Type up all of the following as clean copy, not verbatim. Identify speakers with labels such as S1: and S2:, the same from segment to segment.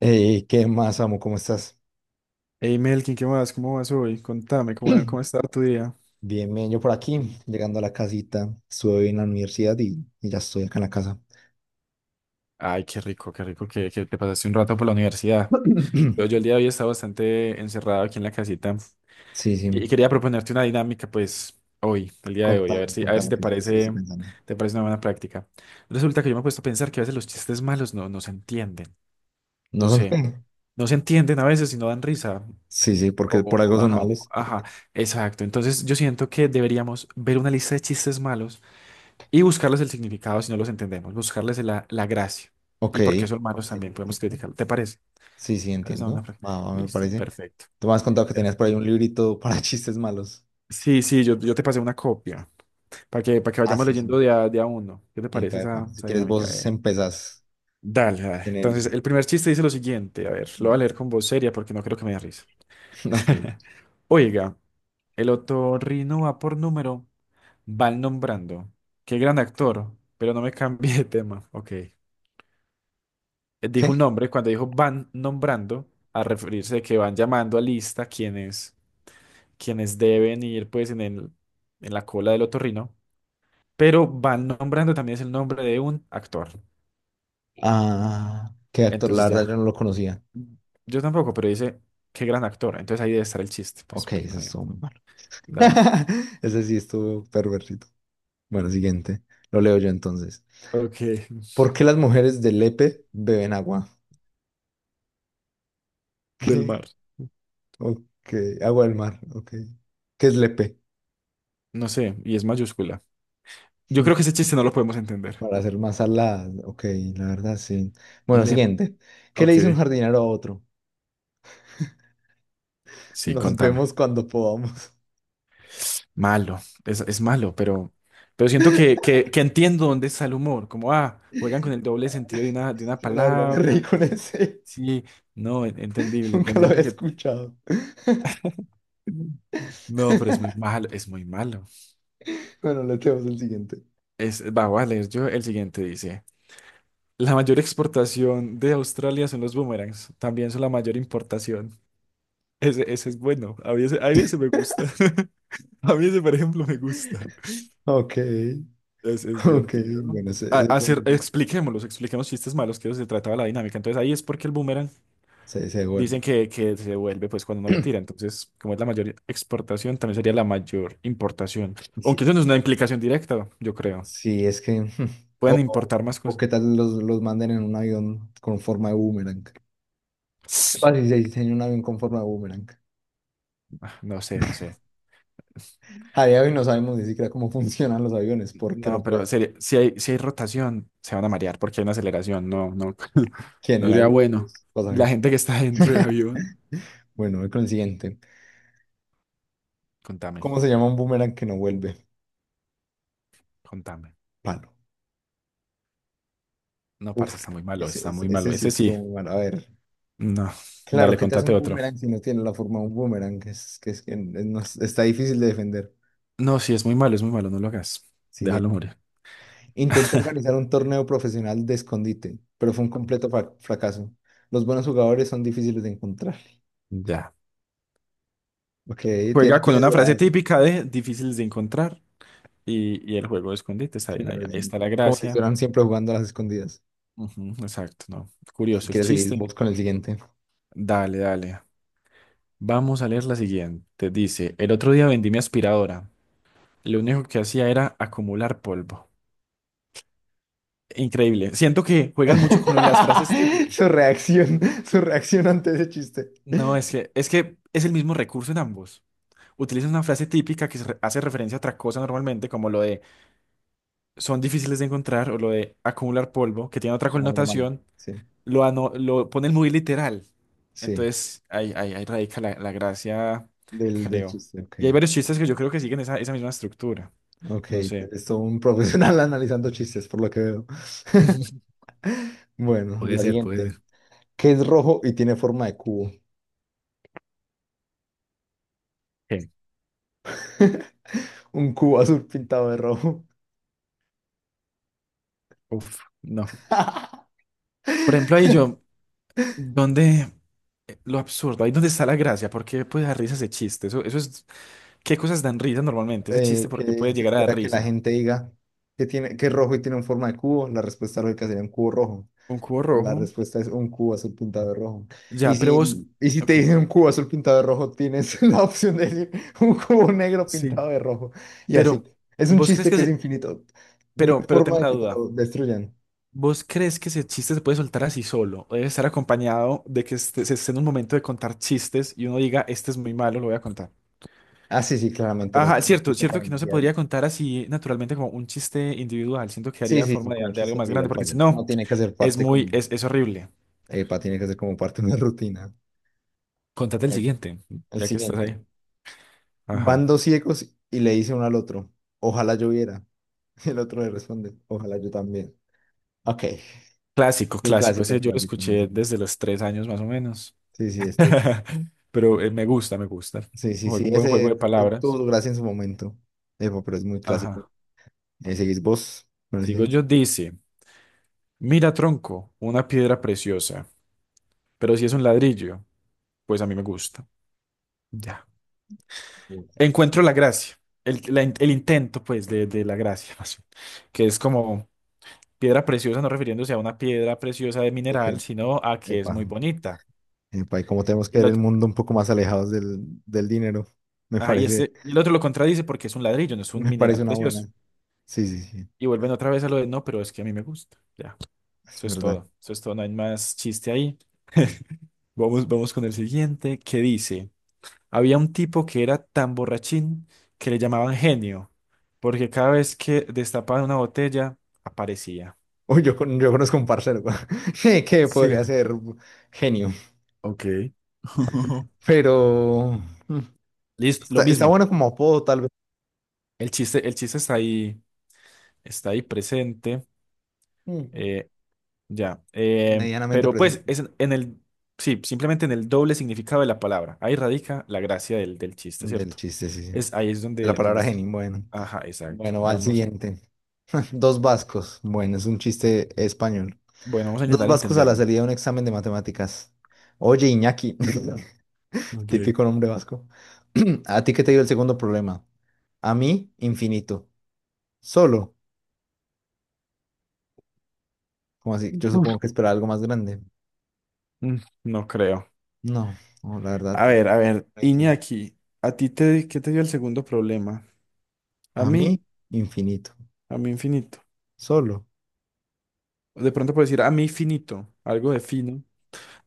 S1: Ey, ¿qué más, amo? ¿Cómo estás?
S2: Hey Melkin, ¿qué más? ¿Cómo vas hoy? Contame, ¿cómo está tu día?
S1: Bien, bien, yo por aquí,
S2: Sí.
S1: llegando a la casita, estuve hoy en la universidad y ya estoy acá en la casa.
S2: Ay, qué rico que te pasaste un rato por la universidad. Yo el día de hoy estaba bastante encerrado aquí en la casita
S1: Sí, sí,
S2: y quería proponerte una dinámica, pues, hoy, el día de hoy, a ver
S1: contame,
S2: si, a ver si
S1: contame,
S2: te
S1: ¿qué
S2: parece,
S1: estoy pensando?
S2: te parece una buena práctica. Resulta que yo me he puesto a pensar que a veces los chistes malos no se entienden,
S1: ¿No
S2: no
S1: son
S2: sé,
S1: qué?
S2: no se entienden a veces y no dan risa.
S1: Sí, sí, porque por algo son
S2: Ajá,
S1: malos.
S2: ajá, exacto. Entonces yo siento que deberíamos ver una lista de chistes malos y buscarles el significado si no los entendemos, buscarles la gracia.
S1: Ok,
S2: Y porque son
S1: ok,
S2: malos también podemos
S1: entiendo.
S2: criticarlo. ¿Te parece?
S1: Sí, sí,
S2: ¿Cuál es la
S1: entiendo.
S2: buena
S1: Va, va, me
S2: Listo,
S1: parece.
S2: perfecto.
S1: Tú me has contado que tenías
S2: Perfecto.
S1: por ahí un librito para chistes malos.
S2: Sí, sí, yo te pasé una copia para que
S1: Ah,
S2: vayamos
S1: sí, sí.
S2: leyendo de a uno. ¿Qué te
S1: Epa,
S2: parece
S1: epa,
S2: esa,
S1: si
S2: esa
S1: quieres,
S2: dinámica?
S1: vos empezás
S2: Dale,
S1: a
S2: dale.
S1: tener...
S2: Entonces, el primer chiste dice lo siguiente. A ver, lo
S1: Va,
S2: voy a leer con voz seria porque no creo que me dé risa.
S1: ok.
S2: Oiga, el otorrino va por número, van nombrando. Qué gran actor, pero no me cambie de tema. Ok. Dijo un
S1: ¿Qué?
S2: nombre, cuando dijo van nombrando, a referirse de que van llamando a lista quienes deben ir pues en la cola del otorrino, pero van nombrando también es el nombre de un actor.
S1: Ah, qué actor, la
S2: Entonces
S1: verdad yo
S2: ya,
S1: no lo conocía.
S2: yo tampoco, pero dice, qué gran actor. Entonces ahí debe estar el chiste, pues,
S1: Ok,
S2: porque
S1: ese
S2: no hay otro.
S1: estuvo muy malo.
S2: Dale.
S1: Ese sí estuvo perversito. Bueno, siguiente. Lo leo yo entonces.
S2: Ok,
S1: ¿Por qué las mujeres de Lepe beben agua?
S2: del
S1: ¿Qué?
S2: mar.
S1: Ok, agua del mar. Ok. ¿Qué es Lepe?
S2: No sé, y es mayúscula. Yo creo que ese chiste no lo podemos entender.
S1: Para hacer más saladas. Ok, la verdad sí. Bueno,
S2: Le...
S1: siguiente. ¿Qué le
S2: Ok,
S1: dice un jardinero a otro?
S2: sí,
S1: Nos
S2: contame.
S1: vemos cuando podamos.
S2: Malo, es malo, pero siento que entiendo dónde está el humor, como, ah, juegan con el doble sentido de una
S1: Yo la verdad me reí
S2: palabra,
S1: con ese.
S2: sí, no, entendible,
S1: Nunca lo había
S2: entendible que...
S1: escuchado.
S2: No, pero es muy malo, es muy malo.
S1: Bueno, le tenemos el siguiente.
S2: Voy a leer yo el siguiente, dice, la mayor exportación de Australia son los boomerangs, también son la mayor importación. Ese es bueno, a mí ese me gusta, a mí ese, por ejemplo, me gusta.
S1: Ok.
S2: Es
S1: Ok,
S2: divertido.
S1: bueno, se,
S2: Expliquemos chistes malos, que de eso se trataba la dinámica. Entonces ahí es porque el boomerang
S1: se, se
S2: dicen
S1: duerme.
S2: que se devuelve pues cuando uno lo tira. Entonces, como es la mayor exportación, también sería la mayor importación. Aunque
S1: Sí,
S2: eso no es una implicación directa, yo creo.
S1: sí, es que.
S2: Pueden
S1: O, o-
S2: importar más
S1: o
S2: cosas.
S1: qué tal los manden en un avión con forma de boomerang. ¿Qué pasa si se diseña un avión con forma de boomerang?
S2: Ah, no sé, no sé.
S1: A día de hoy no sabemos ni siquiera cómo funcionan los aviones, porque no
S2: No, pero
S1: puedes
S2: si hay rotación, se van a marear porque hay una aceleración. No, no, no
S1: generar
S2: sería
S1: los
S2: bueno. La
S1: pasajeros.
S2: gente que está dentro del avión.
S1: Bueno, voy con el siguiente.
S2: Contame,
S1: ¿Cómo se llama un boomerang que no vuelve?
S2: contame.
S1: Palo.
S2: No, parce,
S1: Uf,
S2: está muy malo,
S1: ese,
S2: está
S1: ese,
S2: muy
S1: ese
S2: malo.
S1: sí
S2: Ese
S1: es todo
S2: sí.
S1: muy mal. A ver.
S2: No,
S1: Claro,
S2: dale,
S1: ¿qué te hace
S2: contate
S1: un
S2: otro.
S1: boomerang si no tiene la forma de un boomerang? Es que no es- está difícil de defender.
S2: No, sí, es muy malo, no lo hagas. Déjalo morir.
S1: Intenté organizar un torneo profesional de escondite, pero fue un completo fracaso. Los buenos jugadores son difíciles de encontrar.
S2: Ya.
S1: Ok, tiene,
S2: Juega con
S1: tiene su
S2: una frase
S1: gracia.
S2: típica de difíciles de encontrar y el juego de escondite está bien ahí.
S1: Claro, es
S2: Ahí está la
S1: como si
S2: gracia.
S1: estuvieran siempre jugando a las escondidas.
S2: Ujú, exacto, no.
S1: Si
S2: Curioso el
S1: quieres seguir
S2: chiste.
S1: vos con el siguiente.
S2: Dale, dale. Vamos a leer la siguiente. Dice, el otro día vendí mi aspiradora. Lo único que hacía era acumular polvo. Increíble. Siento que juegan mucho con lo de las frases típicas.
S1: Su reacción, su reacción ante ese chiste.
S2: No, es que es el mismo recurso en ambos. Utilizas una frase típica que hace referencia a otra cosa normalmente, como lo de son difíciles de encontrar o lo de acumular polvo, que tiene otra
S1: Como algo malo.
S2: connotación,
S1: Sí,
S2: lo ponen muy literal.
S1: sí,
S2: Entonces, ahí radica la gracia,
S1: del
S2: creo.
S1: chiste. Ok,
S2: Y hay varios chistes que yo creo que siguen esa misma estructura.
S1: ok.
S2: No sé.
S1: Eres un profesional analizando chistes, por lo que veo. Bueno,
S2: Puede
S1: la
S2: ser, puede
S1: siguiente.
S2: ser.
S1: ¿Qué es rojo y tiene forma de cubo?
S2: ¿Qué?
S1: Un cubo azul pintado de rojo.
S2: Uf, no. Por ejemplo, donde lo absurdo, ahí donde está la gracia, ¿por qué puede dar risa ese chiste? ¿Qué cosas dan risa normalmente? Ese chiste, ¿por qué puede
S1: ¿Qué se
S2: llegar a dar
S1: espera que la
S2: risa?
S1: gente diga? Que tiene, que es rojo y tiene una forma de cubo? La respuesta lógica sería un cubo rojo.
S2: Un cubo
S1: La
S2: rojo.
S1: respuesta es un cubo azul pintado de rojo. Y
S2: Ya, pero vos.
S1: si, y si
S2: Ok.
S1: te dicen un cubo azul pintado de rojo, tienes la opción de decir un cubo negro
S2: Sí.
S1: pintado de rojo. Y así.
S2: Pero,
S1: Es un
S2: ¿vos crees
S1: chiste
S2: que
S1: que es
S2: se...
S1: infinito. No
S2: Pero,
S1: hay
S2: pero tengo
S1: forma de
S2: una
S1: que te
S2: duda.
S1: lo destruyan.
S2: ¿Vos crees que ese chiste se puede soltar así solo? ¿O debe estar acompañado de que se esté en un momento de contar chistes y uno diga, este es muy malo, lo voy a contar?
S1: Ah, sí, sí, claramente no
S2: Ajá,
S1: tiene
S2: cierto,
S1: chiste para
S2: cierto que no se
S1: iniciar.
S2: podría contar así naturalmente como un chiste individual. Siento que
S1: Sí,
S2: haría
S1: sí, sí,
S2: forma de,
S1: como
S2: de algo
S1: chiste
S2: más grande,
S1: individual
S2: porque
S1: falla.
S2: si
S1: No
S2: no,
S1: tiene que hacer
S2: es
S1: parte como
S2: muy, es, es horrible.
S1: epa, tiene que ser como parte de una rutina.
S2: Contate el
S1: Bueno,
S2: siguiente,
S1: el
S2: ya que estás
S1: siguiente.
S2: ahí. Ajá.
S1: Van dos ciegos y le dice uno al otro, ojalá yo viera. El otro le responde, ojalá yo también. Ok,
S2: Clásico,
S1: el
S2: clásico.
S1: clásico,
S2: Ese yo lo
S1: clásico,
S2: escuché
S1: clásico.
S2: desde los 3 años más o menos.
S1: Sí, sí, este, sí,
S2: Pero me gusta, me gusta.
S1: sí, sí, sí,
S2: Un buen
S1: ese,
S2: juego de
S1: ese tuvo
S2: palabras.
S1: su gracia en su momento. Epa, pero es muy clásico.
S2: Ajá.
S1: Seguís vos con el
S2: Sigo
S1: siguiente.
S2: yo, dice, mira, tronco, una piedra preciosa, pero si es un ladrillo, pues a mí me gusta. Ya.
S1: Uy,
S2: Encuentro la gracia, el intento, pues, de la gracia, más bien, que es como piedra preciosa, no refiriéndose a una piedra preciosa de
S1: de
S2: mineral,
S1: que-
S2: sino a que es
S1: epa,
S2: muy bonita.
S1: epa, y como tenemos que
S2: Y el
S1: ver el
S2: otro,
S1: mundo un poco más alejados del dinero, me
S2: ajá,
S1: parece,
S2: y el otro lo contradice porque es un ladrillo, no es un
S1: me parece
S2: mineral
S1: una buena.
S2: precioso.
S1: Sí, sí, sí,
S2: Y vuelven otra vez a lo de, no, pero es que a mí me gusta. Ya.
S1: es
S2: Eso es
S1: verdad.
S2: todo. Eso es todo. No hay más chiste ahí. Vamos, vamos con el siguiente, que dice, había un tipo que era tan borrachín que le llamaban genio, porque cada vez que destapaban una botella, aparecía.
S1: Uy, yo conozco un parcero que
S2: Sí.
S1: podría ser genio,
S2: Ok.
S1: pero mm,
S2: Listo, lo
S1: está
S2: mismo.
S1: bueno como apodo, tal vez.
S2: El chiste está ahí, presente.
S1: Mm,
S2: eh, ya.
S1: medianamente
S2: Pero pues
S1: presente.
S2: es en el, sí, simplemente en el doble significado de la palabra. Ahí radica la gracia del chiste,
S1: Del
S2: ¿cierto?
S1: chiste, sí, sí.
S2: Es, ahí es
S1: De la
S2: donde, donde
S1: palabra genio, bueno.
S2: Ajá, exacto.
S1: Bueno, va al
S2: Vamos.
S1: siguiente. Dos vascos. Bueno, es un chiste español.
S2: Bueno, vamos a
S1: Dos
S2: intentar
S1: vascos a la
S2: entenderlo.
S1: salida de un examen de matemáticas. Oye, Iñaki.
S2: Ok.
S1: Típico nombre vasco. ¿A ti qué te dio el segundo problema? A mí, infinito. Solo. Como así, yo
S2: Uf.
S1: supongo que esperaba algo más grande.
S2: Mm, no creo.
S1: No, no, la verdad,
S2: A ver,
S1: no entiendo.
S2: Iñaki, ¿ qué te dio el segundo problema? A
S1: A
S2: mí.
S1: mí, infinito.
S2: A mí infinito.
S1: Solo.
S2: De pronto puedo decir a mí finito, algo de fino.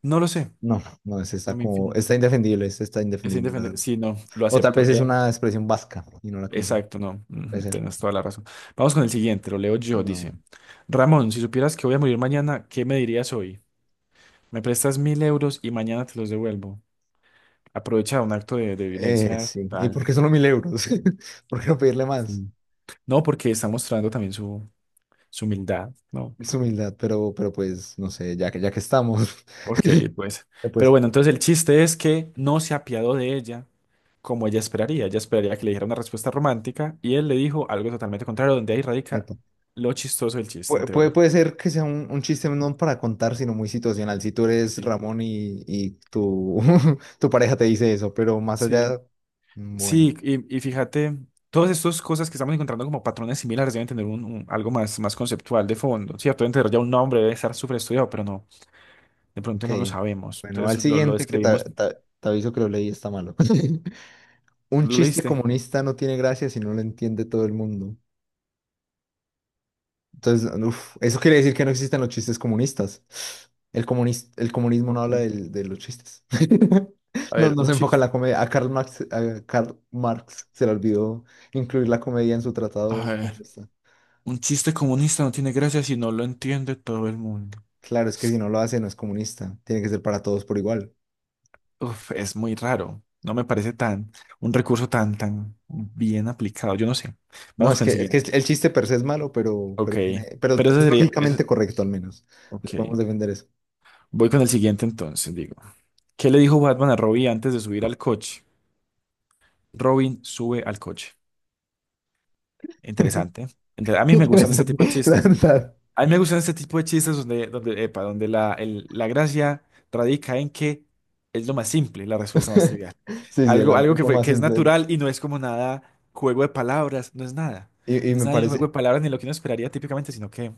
S2: No lo sé,
S1: No, no, es
S2: a
S1: está
S2: mí
S1: como,
S2: infinito.
S1: está indefendible, es está
S2: Es
S1: indefendible, la
S2: indefendible.
S1: verdad.
S2: Sí, no, lo
S1: O tal
S2: acepto.
S1: vez es
S2: No.
S1: una expresión vasca y no la conocemos.
S2: Exacto, no.
S1: Puede
S2: Ujú,
S1: ser.
S2: tienes toda la razón. Vamos con el siguiente, lo leo yo,
S1: No.
S2: dice. Ramón, si supieras que voy a morir mañana, ¿qué me dirías hoy? Me prestas 1.000 euros y mañana te los devuelvo. Aprovecha un acto de violencia
S1: Sí. ¿Y
S2: tal.
S1: por qué solo 1000 euros? ¿Por qué no pedirle más?
S2: Sí. No, porque está mostrando también su humildad, ¿no?
S1: Es humildad, pero pues, no sé, ya que estamos,
S2: Ok, pues. Pero
S1: pues,
S2: bueno, entonces el chiste es que no se apiadó de ella como ella esperaría. Ella esperaría que le dijera una respuesta romántica y él le dijo algo totalmente contrario, donde ahí radica
S1: epa.
S2: lo chistoso del chiste, en
S1: Puede,
S2: teoría.
S1: puede ser que sea un chiste no para contar, sino muy situacional. Si tú eres
S2: Sí.
S1: Ramón y tu, tu pareja te dice eso, pero más
S2: Sí.
S1: allá, mm, bueno.
S2: Sí, y fíjate, todas estas cosas que estamos encontrando como patrones similares deben tener un, algo más, más conceptual de fondo, ¿cierto? Deben tener ya un nombre, debe estar súper estudiado, pero no. De pronto
S1: Ok,
S2: no lo sabemos.
S1: bueno, va al
S2: Entonces lo
S1: siguiente que
S2: describimos.
S1: te aviso que lo leí, está malo. Un
S2: ¿Lo
S1: chiste
S2: leíste?
S1: comunista no tiene gracia si no lo entiende todo el mundo. Entonces, uf, eso quiere decir que no existen los chistes comunistas. El el comunismo no
S2: Ok.
S1: habla de, los chistes.
S2: A
S1: No,
S2: ver,
S1: no
S2: un
S1: se enfoca en
S2: chiste.
S1: la comedia. A Karl Marx se le olvidó incluir la comedia en su
S2: A
S1: tratado
S2: ver,
S1: comunista.
S2: un chiste comunista no tiene gracia si no lo entiende todo el mundo.
S1: Claro, es que si no lo hace no es comunista. Tiene que ser para todos por igual.
S2: Uf, es muy raro. No me parece un recurso tan bien aplicado. Yo no sé.
S1: No,
S2: Vamos
S1: es
S2: con
S1: que,
S2: el
S1: es que
S2: siguiente.
S1: el chiste per se es malo,
S2: Ok.
S1: pero, tiene, pero
S2: Pero
S1: es lógicamente correcto al menos. Vamos a
S2: ok.
S1: defender eso.
S2: Voy con el siguiente entonces, digo. ¿Qué le dijo Batman a Robin antes de subir al coche? Robin sube al coche. Interesante. A mí me gustan este tipo de
S1: Interesante, la
S2: chistes.
S1: verdad.
S2: A mí me gustan este tipo de chistes donde la gracia radica en que es lo más simple, la respuesta más trivial.
S1: Sí, sí, el
S2: Algo
S1: amor más
S2: que es
S1: simple.
S2: natural y no es como nada juego de palabras, no es nada.
S1: Y
S2: No es
S1: me
S2: nada de juego
S1: parece,
S2: de palabras ni lo que uno esperaría típicamente, sino que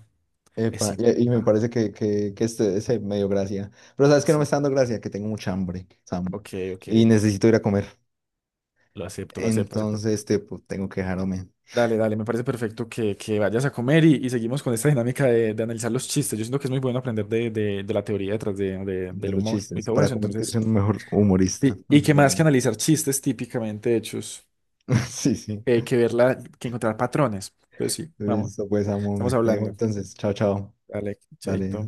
S2: es
S1: epa,
S2: simple.
S1: y me
S2: Ajá,
S1: parece que este ese me dio gracia. Pero sabes que no me
S2: sí.
S1: está dando gracia, que tengo mucha hambre, Sam,
S2: Ok, ok.
S1: y necesito ir a comer.
S2: Lo acepto, acepto.
S1: Entonces, este, pues, tengo que dejarme
S2: Dale, dale, me parece perfecto que vayas a comer y seguimos con esta dinámica de analizar los chistes. Yo siento que es muy bueno aprender de la teoría detrás de, de-
S1: de
S2: del
S1: los
S2: humor y
S1: chistes
S2: todo
S1: para
S2: eso.
S1: convertirse
S2: Entonces.
S1: en un mejor humorista.
S2: Y que más que
S1: Veremos.
S2: analizar chistes típicamente hechos,
S1: Sí, sí.
S2: que encontrar patrones. Entonces sí, vamos,
S1: Listo, pues, amo,
S2: estamos
S1: me te dejo.
S2: hablando.
S1: Entonces, chao, chao.
S2: Dale, chaito.
S1: Dale.